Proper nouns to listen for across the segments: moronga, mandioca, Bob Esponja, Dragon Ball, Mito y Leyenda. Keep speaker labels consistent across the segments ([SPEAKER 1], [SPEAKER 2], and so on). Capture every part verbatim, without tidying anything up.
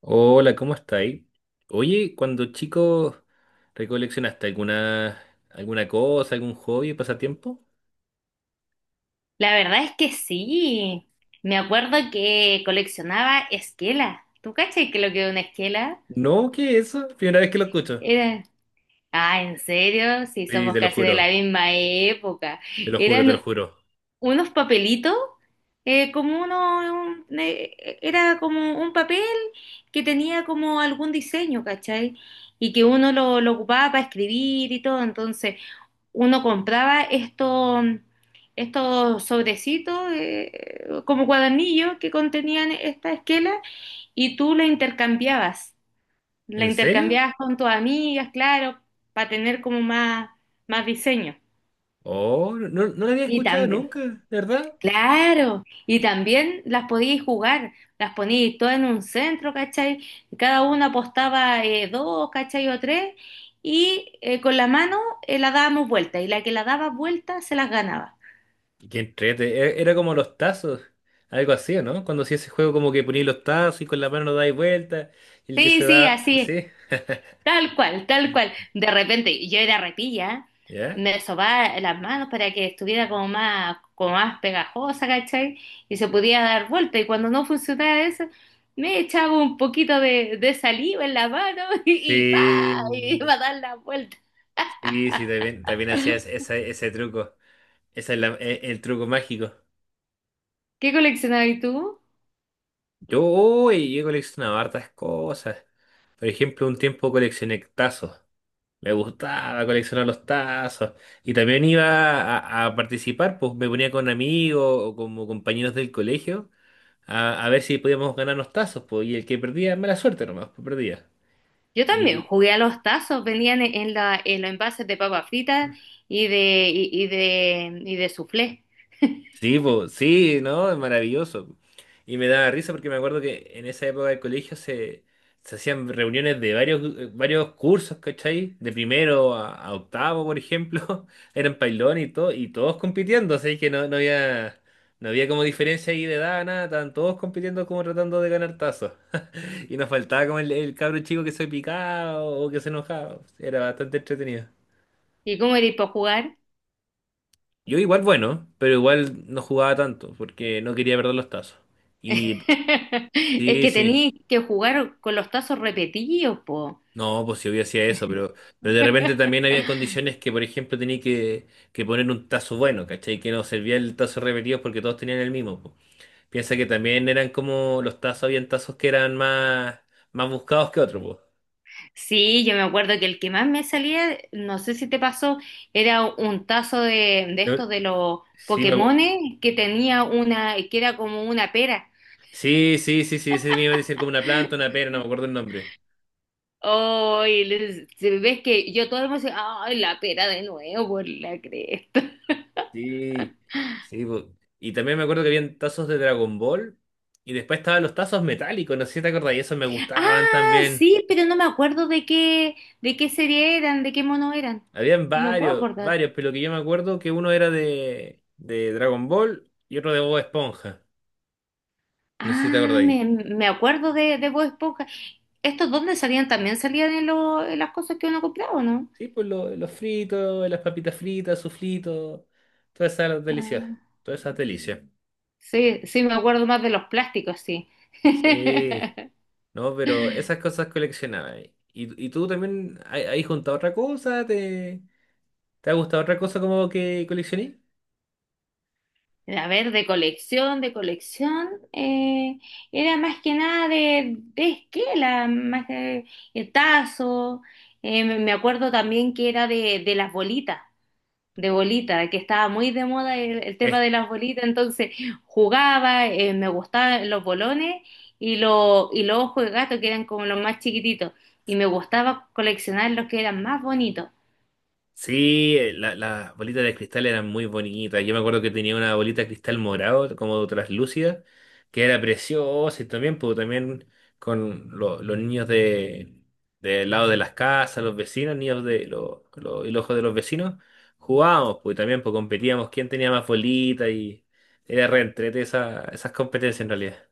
[SPEAKER 1] Hola, ¿cómo estáis? Oye, cuando chico, ¿recoleccionaste alguna, alguna cosa, algún hobby, pasatiempo?
[SPEAKER 2] La verdad es que sí. Me acuerdo que coleccionaba esquelas. ¿Tú cachai que lo que es una esquela?
[SPEAKER 1] No, ¿qué es eso? Primera vez que lo escucho.
[SPEAKER 2] Era... Ah, ¿en serio? Sí,
[SPEAKER 1] Sí,
[SPEAKER 2] somos
[SPEAKER 1] te lo
[SPEAKER 2] casi de la
[SPEAKER 1] juro,
[SPEAKER 2] misma época.
[SPEAKER 1] te lo juro, te lo
[SPEAKER 2] Eran
[SPEAKER 1] juro.
[SPEAKER 2] unos papelitos, eh, como uno... un- eh, era como un papel que tenía como algún diseño, ¿cachai? Y que uno lo, lo ocupaba para escribir y todo. Entonces, uno compraba esto- estos sobrecitos, eh, como cuadernillos que contenían esta esquela y tú la intercambiabas. La
[SPEAKER 1] ¿En serio?
[SPEAKER 2] intercambiabas con tus amigas, claro, para tener como más, más diseño.
[SPEAKER 1] Oh, no, no no lo había
[SPEAKER 2] Y
[SPEAKER 1] escuchado
[SPEAKER 2] también,
[SPEAKER 1] nunca, ¿de verdad?
[SPEAKER 2] claro, y también las podíais jugar, las poníais todas en un centro, ¿cachai? Cada una apostaba eh, dos, ¿cachai? O tres, y eh, con la mano eh, la dábamos vuelta, y la que la daba vuelta se las ganaba.
[SPEAKER 1] Qué entrete, e- era como los tazos, algo así, ¿o ¿no? Cuando hacía ese juego como que ponías los tazos y con la mano dais vuelta, y el que
[SPEAKER 2] Sí,
[SPEAKER 1] se
[SPEAKER 2] sí,
[SPEAKER 1] da,
[SPEAKER 2] así es,
[SPEAKER 1] sí,
[SPEAKER 2] tal cual, tal cual. De repente yo era repilla,
[SPEAKER 1] ¿ya?
[SPEAKER 2] me sobaba las manos para que estuviera como más, como más pegajosa, ¿cachai? Y se podía dar vuelta. Y cuando no funcionaba eso, me echaba un poquito de, de saliva en la mano y, y ¡pa!
[SPEAKER 1] Sí,
[SPEAKER 2] Iba a dar la vuelta.
[SPEAKER 1] sí, sí, también, también hacía ese, ese ese truco. Ese es la- e- el truco mágico.
[SPEAKER 2] ¿Qué coleccionabas tú?
[SPEAKER 1] Yo, uy, yo he coleccionado hartas cosas. Por ejemplo, un tiempo coleccioné tazos. Me gustaba coleccionar los tazos. Y también iba a, a participar, pues me ponía con amigos o como compañeros del colegio a, a ver si podíamos ganar los tazos, pues. Y el que perdía, mala suerte nomás, pues perdía.
[SPEAKER 2] Yo también jugué a los tazos, venían en, en la, en los envases de papas fritas y de, y, y de, y de soufflé.
[SPEAKER 1] Sí, po, sí, ¿no? Es maravilloso. Y me daba risa porque me acuerdo que en esa época del colegio se, se hacían reuniones de varios, eh, varios cursos, ¿cachai? De primero a, a octavo, por ejemplo, eran pailón y todo, y todos compitiendo, así que no, no había, no había como diferencia ahí de edad, nada, estaban todos compitiendo como tratando de ganar tazos. Y nos faltaba como el, el cabro chico que se picaba o que se enojaba. Era bastante entretenido.
[SPEAKER 2] ¿Y cómo eres para jugar?
[SPEAKER 1] Yo igual bueno, pero igual no jugaba tanto porque no quería perder los tazos. Y.
[SPEAKER 2] Es
[SPEAKER 1] Sí,
[SPEAKER 2] que
[SPEAKER 1] sí.
[SPEAKER 2] tenías que jugar con los tazos repetidos, po.
[SPEAKER 1] No, pues si obvio hacía eso, pero, pero de repente también había condiciones que, por ejemplo, tenía que, que poner un tazo bueno, ¿cachai? Que no servía el tazo repetido porque todos tenían el mismo, po. Piensa que también eran como los tazos, habían tazos que eran más, más buscados que otros, po.
[SPEAKER 2] Sí, yo me acuerdo que el que más me salía, no sé si te pasó, era un tazo de, de
[SPEAKER 1] No,
[SPEAKER 2] estos de los
[SPEAKER 1] sí, me acu-
[SPEAKER 2] Pokémones que tenía una, que era como una pera.
[SPEAKER 1] sí, sí, sí, sí, ese me iba a decir como una planta, una pera, no me acuerdo el nombre.
[SPEAKER 2] Oh, y les- si ves que yo todo el mundo decía, ay, la pera de nuevo por la cresta.
[SPEAKER 1] Sí, sí, po. Y también me acuerdo que habían tazos de Dragon Ball y después estaban los tazos metálicos, no sé si te acordás, y esos me gustaban
[SPEAKER 2] Ah,
[SPEAKER 1] también.
[SPEAKER 2] sí, pero no me acuerdo de qué, de qué serie eran, de qué mono eran.
[SPEAKER 1] Habían
[SPEAKER 2] No me puedo
[SPEAKER 1] varios,
[SPEAKER 2] acordar.
[SPEAKER 1] varios, pero que yo me acuerdo que uno era de, de Dragon Ball y otro de Bob Esponja. No sé si te
[SPEAKER 2] Ah,
[SPEAKER 1] acordáis.
[SPEAKER 2] me, me acuerdo de, de Bob Esponja. ¿Estos dónde salían? ¿También salían en, lo- en las cosas que uno compraba o no?
[SPEAKER 1] Sí, pues lo- los fritos, las papitas fritas, suflitos, todas esas delicias,
[SPEAKER 2] Ah,
[SPEAKER 1] todas esas delicias.
[SPEAKER 2] sí, sí, me acuerdo más de los plásticos, sí.
[SPEAKER 1] Sí, no, pero esas cosas coleccionaba. ¿Y, y tú también hay- juntado otra cosa? ¿Te, te ha gustado otra cosa como que coleccioné?
[SPEAKER 2] A ver, de colección, de colección, eh, era más que nada de, de esquela, más que de tazo. Eh, me me acuerdo también que era de, de las bolitas. De bolita, que estaba muy de moda el, el tema de las bolitas, entonces jugaba, eh, me gustaban los bolones y, lo- y los ojos de gato, que eran como los más chiquititos, y me gustaba coleccionar los que eran más bonitos.
[SPEAKER 1] Sí, eh, la- las bolitas de cristal eran muy bonitas. Yo me acuerdo que tenía una bolita de cristal morado, como traslúcida, que era preciosa y también, pues, también con lo- los niños de, del lado de las casas, los vecinos, niños de los los hijos de los vecinos, jugábamos, pues también pues, competíamos quién tenía más bolita y era re entrete esa- esas competencias en realidad.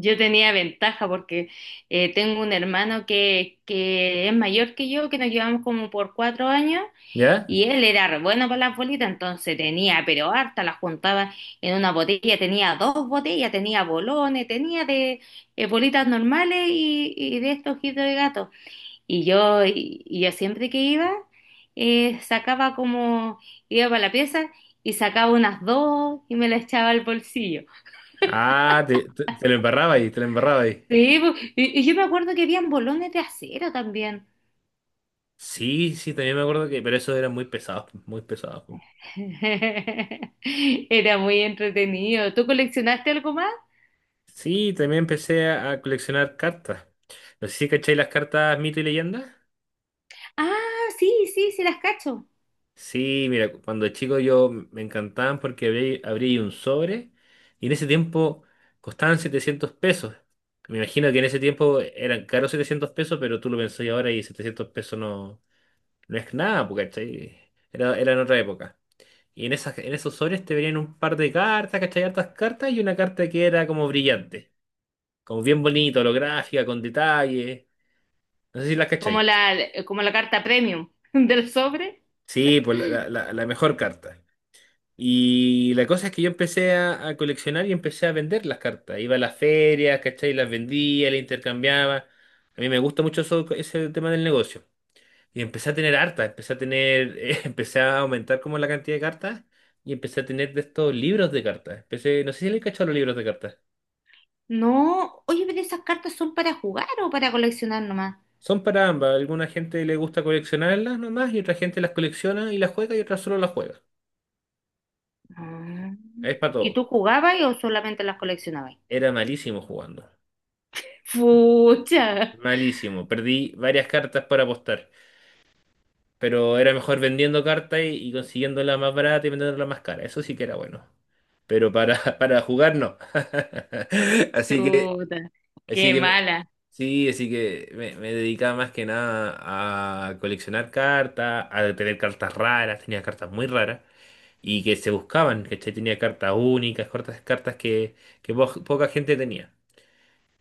[SPEAKER 2] Yo tenía ventaja porque eh, tengo un hermano que, que es mayor que yo, que nos llevamos como por cuatro años.
[SPEAKER 1] ¿Ya?
[SPEAKER 2] Y él era re bueno para las bolitas, entonces tenía, pero harta, las juntaba en una botella, tenía dos botellas, tenía bolones, tenía de eh, bolitas normales y, y de estos ojitos de gato. Y yo, y, y yo siempre que iba, eh, sacaba como, iba para la pieza y sacaba unas dos y me las echaba al bolsillo.
[SPEAKER 1] Ah, te, te- te lo embarraba ahí, te lo embarraba ahí.
[SPEAKER 2] Sí, po, y, y yo me acuerdo que habían bolones de acero también.
[SPEAKER 1] Sí, sí, también me acuerdo que, pero esos eran muy pesados, pues, muy pesados, pues.
[SPEAKER 2] Era muy entretenido. ¿Tú coleccionaste algo más?
[SPEAKER 1] Sí, también empecé a, a coleccionar cartas. No sé si cacháis las cartas mito y leyenda.
[SPEAKER 2] Ah, sí, sí, sí las cacho.
[SPEAKER 1] Sí, mira, cu- cuando chico yo m- me encantaban porque abrí, abrí un sobre y en ese tiempo costaban setecientos pesos. Me imagino que en ese tiempo eran caros setecientos pesos, pero tú lo pensás ahora y setecientos pesos no, no es nada, porque, ¿cachai? Era, era en otra época. Y en esas, en esos sobres te venían un par de cartas, ¿cachai? Hartas cartas y una carta que era como brillante, como bien bonita, holográfica, con detalles. No sé si la
[SPEAKER 2] Como
[SPEAKER 1] cachai.
[SPEAKER 2] la, eh, como la carta premium del sobre.
[SPEAKER 1] Sí, pues la, la- la- la mejor carta. Y la cosa es que yo empecé a, a coleccionar y empecé a vender las cartas. Iba a las ferias, ¿cachai? Las vendía, las intercambiaba. A mí me gusta mucho eso- ese tema del negocio. Y empecé a tener hartas, empecé a tener, eh, empecé a aumentar como la cantidad de cartas y empecé a tener de estos libros de cartas. Empecé, no sé si le he cachado los libros de cartas.
[SPEAKER 2] No, oye, pero esas cartas son para jugar o para coleccionar nomás.
[SPEAKER 1] Son para ambas. Alguna gente le gusta coleccionarlas nomás y otra gente las colecciona y las juega y otra solo las juega.
[SPEAKER 2] Ah.
[SPEAKER 1] Es para
[SPEAKER 2] ¿Y
[SPEAKER 1] todo.
[SPEAKER 2] tú jugabas o solamente las coleccionabas?
[SPEAKER 1] Era malísimo jugando.
[SPEAKER 2] Fucha.
[SPEAKER 1] Malísimo. Perdí varias cartas para apostar. Pero era mejor vendiendo cartas y, y consiguiéndola más barata y vendiéndola más cara. Eso sí que era bueno. Pero para, para jugar no. Así que,
[SPEAKER 2] Chuta,
[SPEAKER 1] así
[SPEAKER 2] qué
[SPEAKER 1] que me-
[SPEAKER 2] mala.
[SPEAKER 1] sí, así que me, me dedicaba más que nada a coleccionar cartas, a tener cartas raras, tenía cartas muy raras y que se buscaban, ¿cachai? Tenía cartas únicas, cartas, cartas que, que po- poca gente tenía.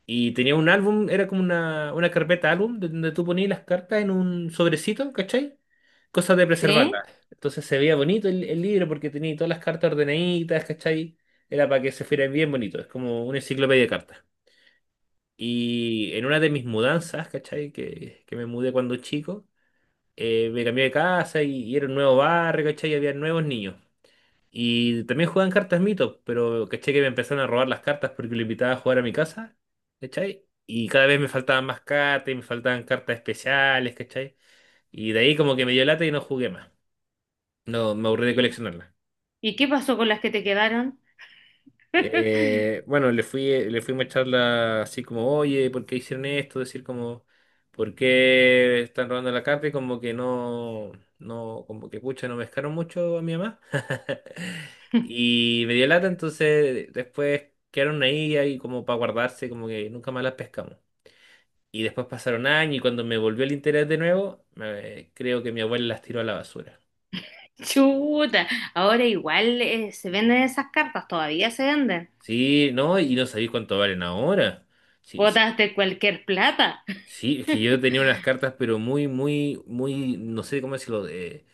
[SPEAKER 1] Y tenía un álbum, era como una, una carpeta álbum de- donde tú ponías las cartas en un sobrecito, ¿cachai? Cosa de preservarlas.
[SPEAKER 2] ¿Sí?
[SPEAKER 1] Entonces se veía bonito el, el libro porque tenía todas las cartas ordenaditas, ¿cachai? Era para que se fuera bien bonito, es como una enciclopedia de cartas. Y en una de mis mudanzas, ¿cachai? Que, que me mudé cuando chico, eh, me cambié de casa y, y era un nuevo barrio, ¿cachai? Y había nuevos niños. Y también juegan cartas mito, pero caché que me empezaron a robar las cartas porque lo invitaba a jugar a mi casa, ¿cachai? Y cada vez me faltaban más cartas y me faltaban cartas especiales, ¿cachai? Y de ahí como que me dio lata y no jugué más. No, me aburrí de
[SPEAKER 2] ¿Y,
[SPEAKER 1] coleccionarlas.
[SPEAKER 2] y qué pasó con las que te quedaron?
[SPEAKER 1] Eh, bueno, le fui, le fuimos a echar la, así como, oye, ¿por qué hicieron esto? Decir como, ¿por qué están robando la carta? Y como que no, no, como que pucha, no pescaron mucho a mi mamá. Y me dio lata, entonces después quedaron ahí, ahí como para guardarse, como que nunca más las pescamos. Y después pasaron años y cuando me volvió el interés de nuevo, me- creo que mi abuela las tiró a la basura.
[SPEAKER 2] Chuta, ahora igual eh, se venden esas cartas, todavía se venden.
[SPEAKER 1] Sí, no, y no sabéis cuánto valen ahora. Sí, sí.
[SPEAKER 2] Botaste cualquier plata.
[SPEAKER 1] Sí, es que yo tenía unas cartas, pero muy, muy, muy, no sé cómo decirlo, eh,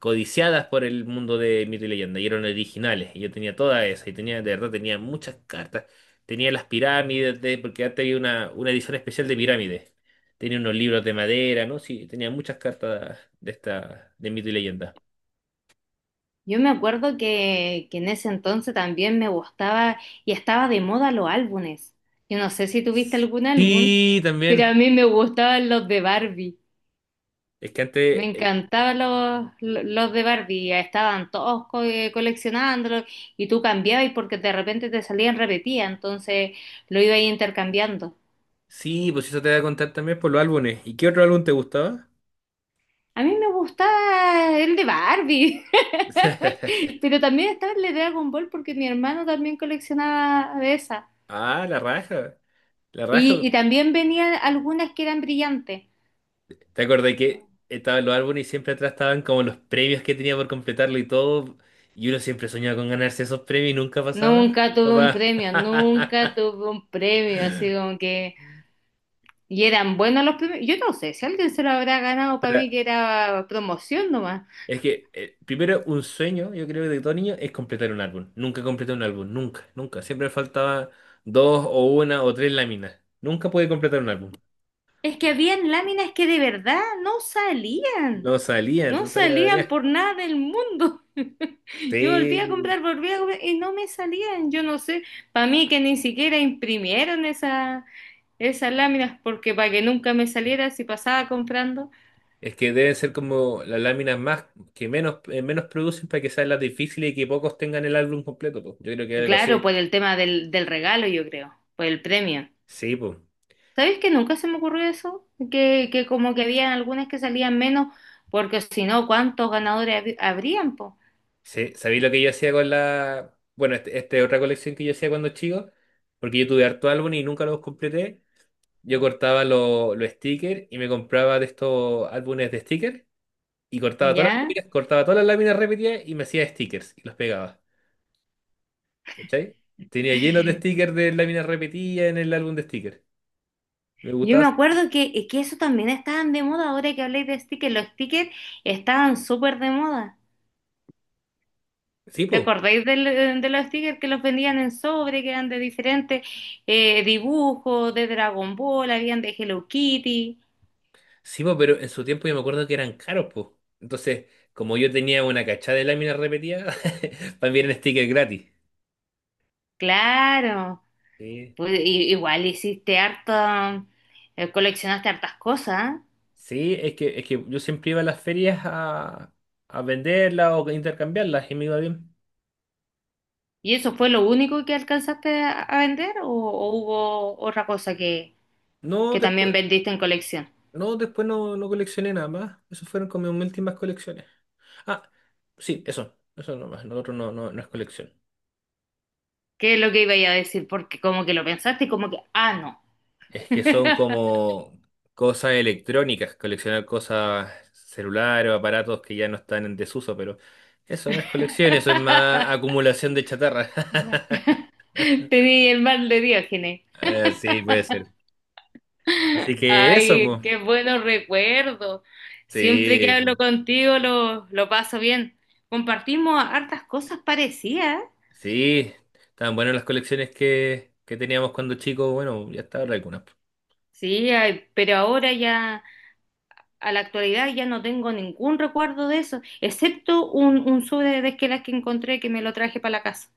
[SPEAKER 1] codiciadas por el mundo de Mito y Leyenda, y eran originales. Y yo tenía todas esas, y tenía, de verdad, tenía muchas cartas. Tenía las pirámides, de, porque antes había una, una edición especial de pirámides. Tenía unos libros de madera, ¿no? Sí, tenía muchas cartas de esta, de Mito y Leyenda.
[SPEAKER 2] Yo me acuerdo que, que en ese entonces también me gustaba y estaba de moda los álbumes. Yo no sé si tuviste algún álbum,
[SPEAKER 1] Sí,
[SPEAKER 2] pero a
[SPEAKER 1] también.
[SPEAKER 2] mí me gustaban los, de Barbie.
[SPEAKER 1] Es que
[SPEAKER 2] Me
[SPEAKER 1] antes, el-
[SPEAKER 2] encantaban los, lo- los de Barbie. Estaban todos co- eh, coleccionándolos y tú cambiabas porque de repente te salían repetidas, entonces lo iba ahí intercambiando.
[SPEAKER 1] sí, pues eso te voy a contar también por los álbumes. ¿Y qué otro álbum te gustaba?
[SPEAKER 2] A mí me gustaba el de Barbie, pero también estaba el de Dragon Ball porque mi hermano también coleccionaba de esas.
[SPEAKER 1] Ah, la raja. La
[SPEAKER 2] Y,
[SPEAKER 1] raja.
[SPEAKER 2] y también venían algunas que eran brillantes.
[SPEAKER 1] ¿Te acordás que estaban los álbumes y siempre atrás estaban como los premios que tenía por completarlo y todo? Y uno siempre soñaba con ganarse esos premios y nunca pasaba.
[SPEAKER 2] Nunca tuve un
[SPEAKER 1] Capaz.
[SPEAKER 2] premio, nunca tuve un premio, así como que... Y eran buenos los premios. Yo no sé si alguien se lo habrá ganado, para mí
[SPEAKER 1] Pero
[SPEAKER 2] que era promoción nomás.
[SPEAKER 1] es que eh, primero un sueño, yo creo, de todo niño es completar un álbum. Nunca completé un álbum, nunca, nunca. Siempre me faltaba dos o una o tres láminas. Nunca pude completar un álbum.
[SPEAKER 2] Es que habían láminas que de verdad no salían,
[SPEAKER 1] No salía,
[SPEAKER 2] no
[SPEAKER 1] entonces salía,
[SPEAKER 2] salían
[SPEAKER 1] salía.
[SPEAKER 2] por nada del mundo. Yo volví a
[SPEAKER 1] Sí.
[SPEAKER 2] comprar, volví a comprar y no me salían. Yo no sé, para mí que ni siquiera imprimieron esa, esas láminas porque para que nunca me saliera si pasaba comprando.
[SPEAKER 1] Es que deben ser como las láminas más que menos, eh, menos producen para que sean las difíciles y que pocos tengan el álbum completo, po. Yo creo que algo
[SPEAKER 2] Claro,
[SPEAKER 1] así.
[SPEAKER 2] por el tema del, del regalo, yo creo, por el premio.
[SPEAKER 1] Sí, pues.
[SPEAKER 2] ¿Sabes que nunca se me ocurrió eso? Que, que como que habían algunas que salían menos, porque si no, ¿cuántos ganadores hab- habrían, po?
[SPEAKER 1] Sí, ¿sabéis lo que yo hacía con la? Bueno, este- esta es otra colección que yo hacía cuando chico, porque yo tuve harto álbum y nunca los completé. Yo cortaba lo- los stickers y me compraba de estos álbumes de stickers y cortaba todas las
[SPEAKER 2] ¿Ya?
[SPEAKER 1] láminas, cortaba todas las láminas repetidas y me hacía stickers y los pegaba. ¿Cachai? Tenía llenos de stickers de láminas repetidas en el álbum de stickers. Me
[SPEAKER 2] Yo
[SPEAKER 1] gustaba.
[SPEAKER 2] me
[SPEAKER 1] hacer-
[SPEAKER 2] acuerdo que, que eso también estaban de moda, ahora que habléis de stickers, los stickers estaban súper de moda.
[SPEAKER 1] Sí,
[SPEAKER 2] ¿Te
[SPEAKER 1] pues.
[SPEAKER 2] acordáis del- de los stickers que los vendían en sobre, que eran de diferentes eh, dibujos, de Dragon Ball, habían de Hello Kitty?
[SPEAKER 1] Sí, po, pero en su tiempo yo me acuerdo que eran caros, pues. Entonces, como yo tenía una cachada de láminas repetidas, también eran stickers gratis.
[SPEAKER 2] Claro.
[SPEAKER 1] Sí,
[SPEAKER 2] Pues, i- igual hiciste harta, eh, coleccionaste hartas cosas.
[SPEAKER 1] sí, es que, es que yo siempre iba a las ferias a, a venderlas o intercambiarlas y me iba bien.
[SPEAKER 2] ¿Y eso fue lo único que alcanzaste a a vender o, o hubo otra cosa que,
[SPEAKER 1] No,
[SPEAKER 2] que también
[SPEAKER 1] después,
[SPEAKER 2] vendiste en colección?
[SPEAKER 1] no, después no, no coleccioné nada más. Esas fueron como mis últimas colecciones. Ah, sí, eso, eso nomás. Lo otro no, no, no es colección.
[SPEAKER 2] ¿Qué es lo que iba a decir? Porque como que lo pensaste y como que, ah, no.
[SPEAKER 1] Es que son como cosas electrónicas, coleccionar cosas celulares o aparatos que ya no están en desuso, pero eso no es colección, eso es más acumulación de chatarra.
[SPEAKER 2] Tenía el mal de Diógenes.
[SPEAKER 1] Eh, sí, puede ser. Así que eso,
[SPEAKER 2] Ay,
[SPEAKER 1] pues.
[SPEAKER 2] qué buenos recuerdos. Siempre que
[SPEAKER 1] Sí,
[SPEAKER 2] hablo
[SPEAKER 1] po.
[SPEAKER 2] contigo lo, lo paso bien. Compartimos hartas cosas parecidas.
[SPEAKER 1] Sí, estaban buenas las colecciones que, que teníamos cuando chicos, bueno, ya está ahora algunas, po.
[SPEAKER 2] Sí, ay, pero ahora ya, a la actualidad ya no tengo ningún recuerdo de eso, excepto un, un sobre de Desquelas que encontré que me lo traje para la casa.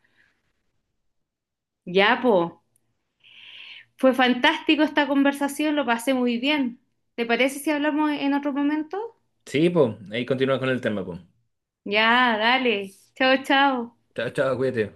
[SPEAKER 2] Ya, po, fue fantástico esta conversación, lo pasé muy bien. ¿Te parece si hablamos en otro momento?
[SPEAKER 1] Sí, pues, ahí continuamos con el tema, pues.
[SPEAKER 2] Ya, dale. Chao, chao.
[SPEAKER 1] Chao, chao, cuídate.